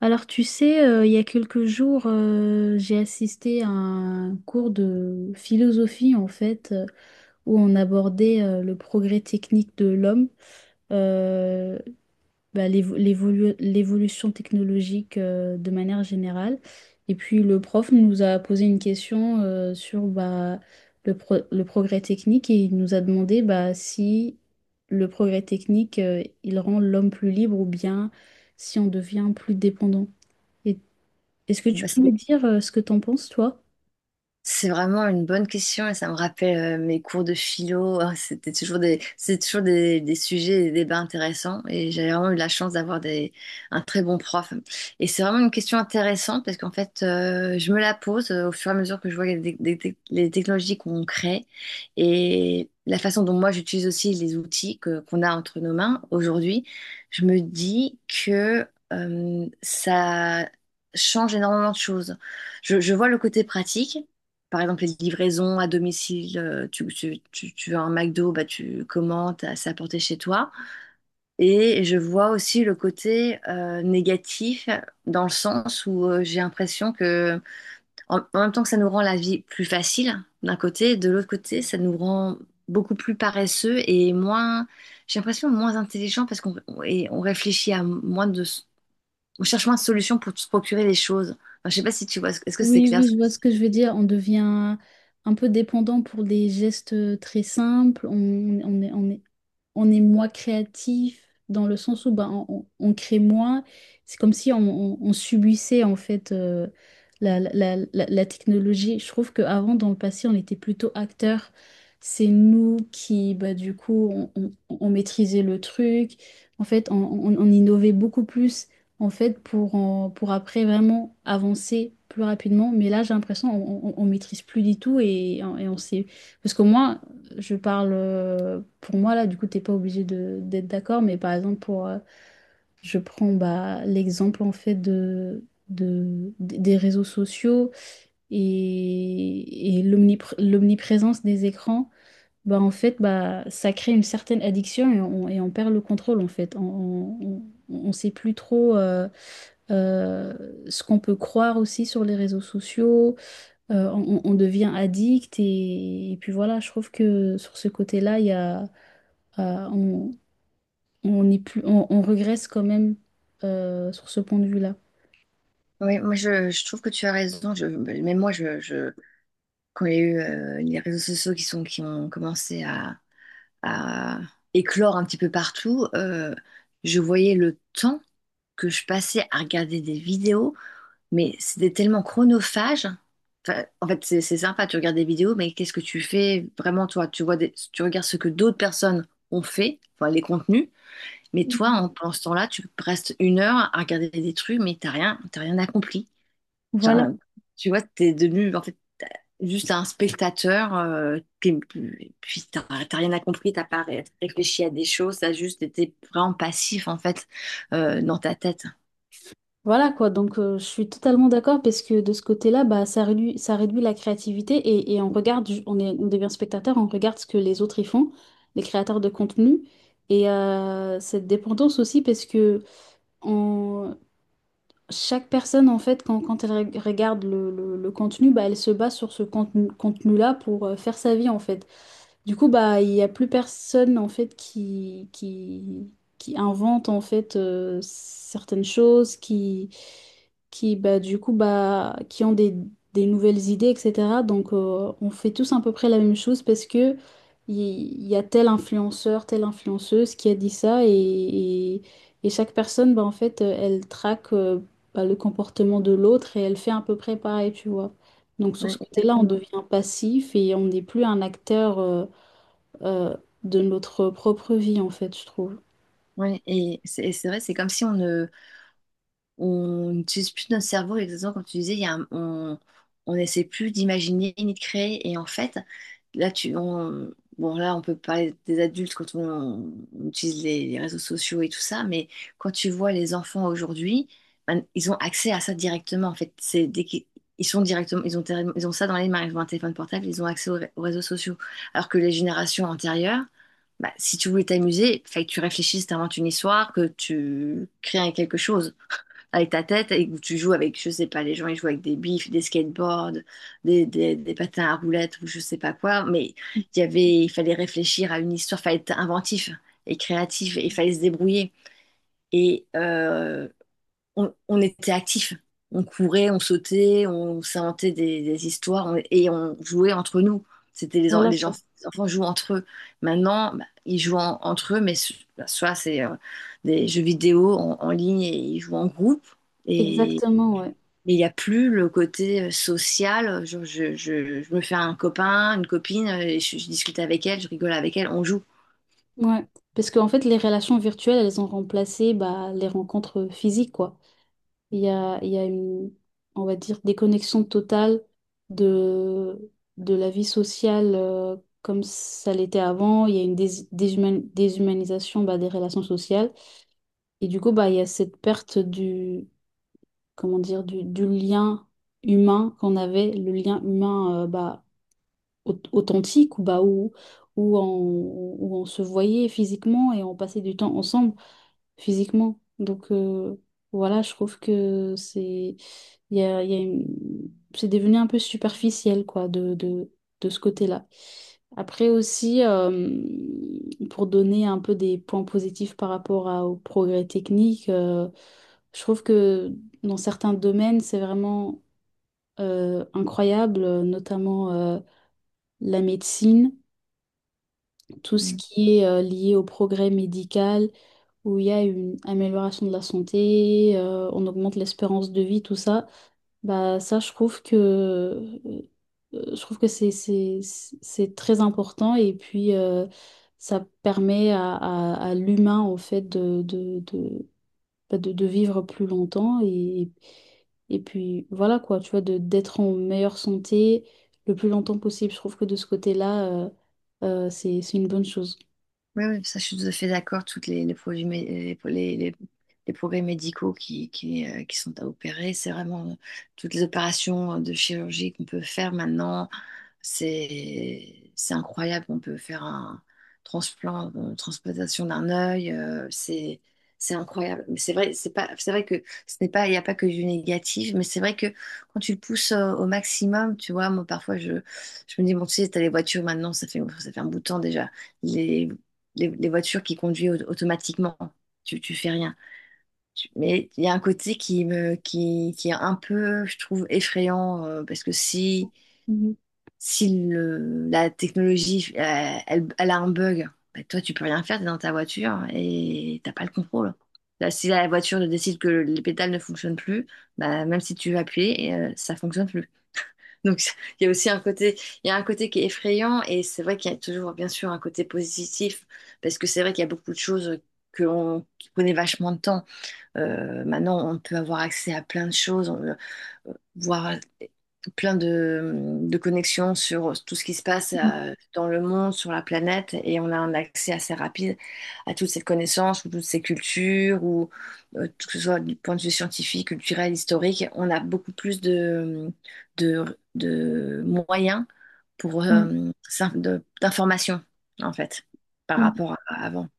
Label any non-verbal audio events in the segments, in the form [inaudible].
Alors, tu sais, il y a quelques jours, j'ai assisté à un cours de philosophie, en fait, où on abordait le progrès technique de l'homme, euh, l'évolution technologique de manière générale. Et puis, le prof nous a posé une question sur le progrès technique et il nous a demandé bah, si le progrès technique, il rend l'homme plus libre ou bien si on devient plus dépendant. Et est-ce que tu Bah, peux me c'est dire ce que t'en penses, toi? c'est vraiment une bonne question et ça me rappelle mes cours de philo. Ah, c'était toujours des sujets et des débats intéressants et j'avais vraiment eu la chance d'avoir un très bon prof. Et c'est vraiment une question intéressante parce qu'en fait, je me la pose au fur et à mesure que je vois les technologies qu'on crée, et la façon dont moi j'utilise aussi les outils qu'on a entre nos mains aujourd'hui. Je me dis que ça change énormément de choses. Je vois le côté pratique, par exemple, les livraisons à domicile. Tu veux un McDo, bah, tu commandes, c'est apporté chez toi. Et je vois aussi le côté négatif, dans le sens où j'ai l'impression que, en même temps que ça nous rend la vie plus facile d'un côté, de l'autre côté, ça nous rend beaucoup plus paresseux et moins, j'ai l'impression, moins intelligent parce qu'on et on réfléchit à moins de, on cherche moins de solutions pour se procurer les choses. Enfin, je sais pas si tu vois, est-ce que c'est Oui, clair? oui, je vois ce que je veux dire. On devient un peu dépendant pour des gestes très simples. On est, on est, on est moins créatif dans le sens où ben, on crée moins. C'est comme si on subissait en fait la, la- la technologie. Je trouve qu'avant, dans le passé, on était plutôt acteurs. C'est nous qui, bah, du coup, on maîtrisait le truc. En fait, on innovait beaucoup plus. En fait, pour après vraiment avancer plus rapidement. Mais là, j'ai l'impression on maîtrise plus du tout et on sait. Parce que moi, je parle pour moi, là, du coup, t'es pas obligé de, d'être d'accord. Mais par exemple, je prends bah, l'exemple en fait de, des réseaux sociaux et l'omniprésence des écrans. Bah, en fait, bah, ça crée une certaine addiction et on perd le contrôle en fait. On, on- on sait plus trop. Euh, ce qu'on peut croire aussi sur les réseaux sociaux. On devient addict et puis voilà, je trouve que sur ce côté-là, il y a, euh, on, on est plus, on regresse quand même sur ce point de vue-là. Oui, moi je trouve que tu as raison. Je, même moi, je, quand il y a eu les réseaux sociaux qui sont, qui ont commencé à éclore un petit peu partout, je voyais le temps que je passais à regarder des vidéos, mais c'était tellement chronophage. Enfin, en fait, c'est sympa, tu regardes des vidéos, mais qu'est-ce que tu fais vraiment toi? Tu regardes ce que d'autres personnes ont fait, enfin les contenus, mais toi, Mhm. en, pendant ce temps-là, tu restes une heure à regarder des trucs, mais t'as rien accompli. Voilà. Enfin, tu vois, t'es devenu en fait t'as- juste un spectateur qui, puis t'as rien à compris, t'as pas réfléchi à des choses, t'as juste été vraiment passif en fait dans ta tête. Voilà quoi, donc je suis totalement d'accord parce que de ce côté-là, bah, ça réduit la créativité et on regarde, on devient spectateur, on regarde ce que les autres y font, les créateurs de contenu. Et cette dépendance aussi parce que chaque personne, en fait, quand elle regarde le contenu, bah, elle se base sur ce contenu-là pour faire sa vie, en fait. Du coup, bah, il n'y a plus personne, en fait, qui invente, en fait, certaines choses, du coup, bah, qui ont des nouvelles idées, etc. Donc, on fait tous à peu près la même chose parce que il il y a tel influenceur, telle influenceuse qui a dit ça et- et chaque personne, bah, en fait, elle traque bah, le comportement de l'autre et elle fait à peu près pareil, tu vois. Donc sur Oui, ce côté-là, on exactement. devient passif et on n'est plus un acteur euh, de notre propre vie, en fait, je trouve. Ouais, et c'est vrai, c'est comme si on ne on n'utilise plus notre cerveau exactement comme tu disais, il y a on n'essaie plus d'imaginer ni de créer. Et en fait là tu on, bon là on peut parler des adultes quand on utilise les réseaux sociaux et tout ça, mais quand tu vois les enfants aujourd'hui, ben, ils ont accès à ça directement. En fait, c'est dès qu'ils ils sont directement, ils ont ils ont ça dans les mains, ils ont un téléphone portable, ils ont accès aux réseaux sociaux, alors que les générations antérieures, bah, si tu voulais t'amuser, fallait que tu réfléchisses, t'inventes une histoire, que tu crées quelque chose avec ta tête et où tu joues avec, je sais pas, les gens ils jouent avec des bifs, des skateboards, des patins à roulettes ou je sais pas quoi, mais il y avait, il fallait réfléchir à une histoire, fallait être inventif et créatif et il fallait se débrouiller. Et on était actifs. On courait, on sautait, on s'inventait des histoires et on jouait entre nous. C'était Voilà quoi. Les enfants jouent entre eux. Maintenant, bah, ils jouent entre eux, mais bah, soit c'est des jeux vidéo en ligne et ils jouent en groupe. Et Exactement, ouais. et il n'y a plus le côté social. Genre, je me fais un copain, une copine, et je discute avec elle, je rigole avec elle, on joue. Ouais. Parce qu'en fait, les relations virtuelles, elles ont remplacé bah, les rencontres physiques, quoi. Il y a une, on va dire, déconnexion totale de, de la vie sociale comme ça l'était avant. Il y a une déshumanisation bah, des relations sociales. Et du coup, bah, il y a cette perte du, comment dire, du lien humain qu'on avait, le lien humain bah, authentique, ou bah, où, on, où on se voyait physiquement et on passait du temps ensemble physiquement. Donc voilà, je trouve que c'est il y a une- c'est devenu un peu superficiel quoi de ce côté-là. Après aussi, pour donner un peu des points positifs par rapport à, au progrès technique, je trouve que dans certains domaines, c'est vraiment incroyable, notamment la médecine, tout ce qui est lié au progrès médical où il y a une amélioration de la santé, on augmente l'espérance de vie, tout ça, bah ça je trouve que c'est très important et puis ça permet à l'humain en fait de, bah, de vivre plus longtemps et puis voilà quoi, tu vois, de d'être en meilleure santé le plus longtemps possible. Je trouve que de ce côté-là, c'est une bonne chose. Oui, oui, ça, je suis tout à fait d'accord. Toutes les produits, les progrès médicaux qui sont à opérer, c'est vraiment toutes les opérations de chirurgie qu'on peut faire maintenant. C'est incroyable. On peut faire un transplant, une transplantation d'un œil. C'est incroyable. Mais c'est vrai, c'est vrai que ce n'est pas, il n'y a pas que du négatif. Mais c'est vrai que quand tu le pousses au maximum, tu vois, moi, parfois, je me dis, bon, tu sais, t'as les voitures maintenant, ça fait un bout de temps déjà. Les les voitures qui conduisent automatiquement. Tu fais rien. Mais il y a un côté qui me, qui est un peu, je trouve, effrayant, parce que si, Mhm. si la technologie, elle, elle a un bug, bah, toi, tu peux rien faire, t'es dans ta voiture et t'as pas le contrôle. Là, si la voiture décide que les pédales ne fonctionnent plus, bah, même si tu veux appuyer, ça fonctionne plus. Donc, [laughs] il y a aussi un côté, il y a un côté qui est effrayant et c'est vrai qu'il y a toujours, bien sûr, un côté positif parce que c'est vrai qu'il y a beaucoup de choses que l'on qui prenaient vachement de temps. Maintenant, on peut avoir accès à plein de choses, voir plein de connexions sur tout ce qui se passe dans le monde, sur la planète, et on a un accès assez rapide à toutes ces connaissances, ou toutes ces cultures, ou que ce soit du point de vue scientifique, culturel, historique, on a beaucoup plus de, de moyens pour Ouais. D'informations, en fait, par Ouais. rapport à avant.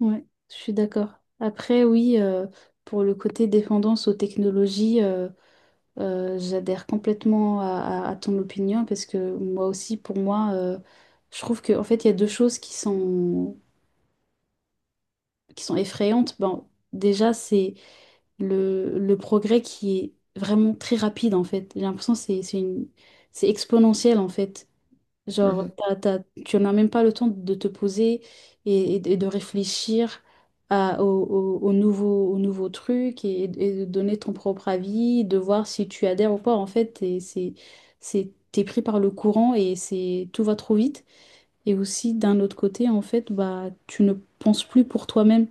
Ouais, je suis d'accord. Après, oui, pour le côté dépendance aux technologies, j'adhère complètement à ton opinion parce que moi aussi, pour moi, je trouve que en fait, il y a deux choses qui sont effrayantes. Bon, déjà, c'est le progrès qui est vraiment très rapide, en fait. J'ai l'impression que c'est exponentiel, en fait. Genre, Mhm. Tu n'as même pas le temps de te poser et de réfléchir au nouveau truc et de donner ton propre avis, de voir si tu adhères ou pas. En fait, t'es pris par le courant et c'est, tout va trop vite. Et aussi, d'un autre côté, en fait, bah, tu ne penses plus pour toi-même.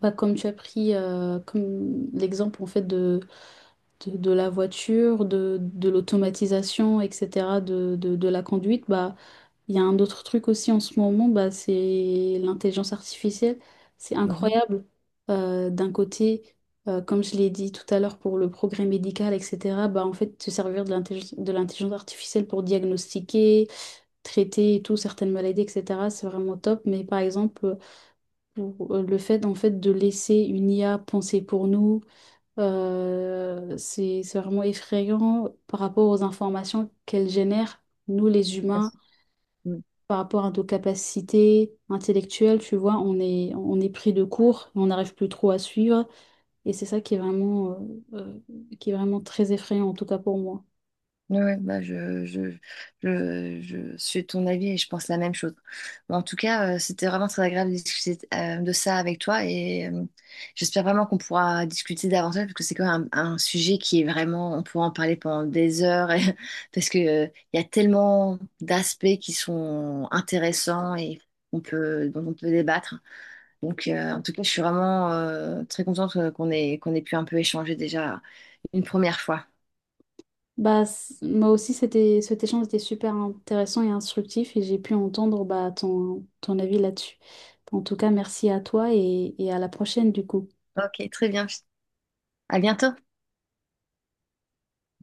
Bah, comme tu as pris comme l'exemple en fait de la voiture, de l'automatisation, etc., de la conduite, bah, il y a un autre truc aussi en ce moment, bah, c'est l'intelligence artificielle. C'est Mhm. incroyable. D'un côté, comme je l'ai dit tout à l'heure pour le progrès médical, etc., bah, en fait, se servir de l'intelligence artificielle pour diagnostiquer, traiter et tout, certaines maladies, etc., c'est vraiment top. Mais par exemple, pour le fait, en fait, de laisser une IA penser pour nous, c'est vraiment effrayant par rapport aux informations qu'elle génère, nous les humains Yes. par rapport à nos capacités intellectuelles, tu vois, on est pris de court, on n'arrive plus trop à suivre. Et c'est ça qui est vraiment très effrayant, en tout cas pour moi. Ouais, ouais, bah je suis de ton avis et je pense la même chose. Mais en tout cas, c'était vraiment très agréable de discuter de ça avec toi et j'espère vraiment qu'on pourra discuter davantage parce que c'est quand même un sujet qui est vraiment, on pourra en parler pendant des heures [laughs] parce que il y a tellement d'aspects qui sont intéressants et on peut, dont on peut débattre. Donc, en tout cas, je suis vraiment très contente qu'on ait pu un peu échanger déjà une première fois. Bah, moi aussi, cet échange était super intéressant et instructif et j'ai pu entendre bah, ton avis là-dessus. En tout cas, merci à toi et à la prochaine du coup. Ok, très bien. À bientôt.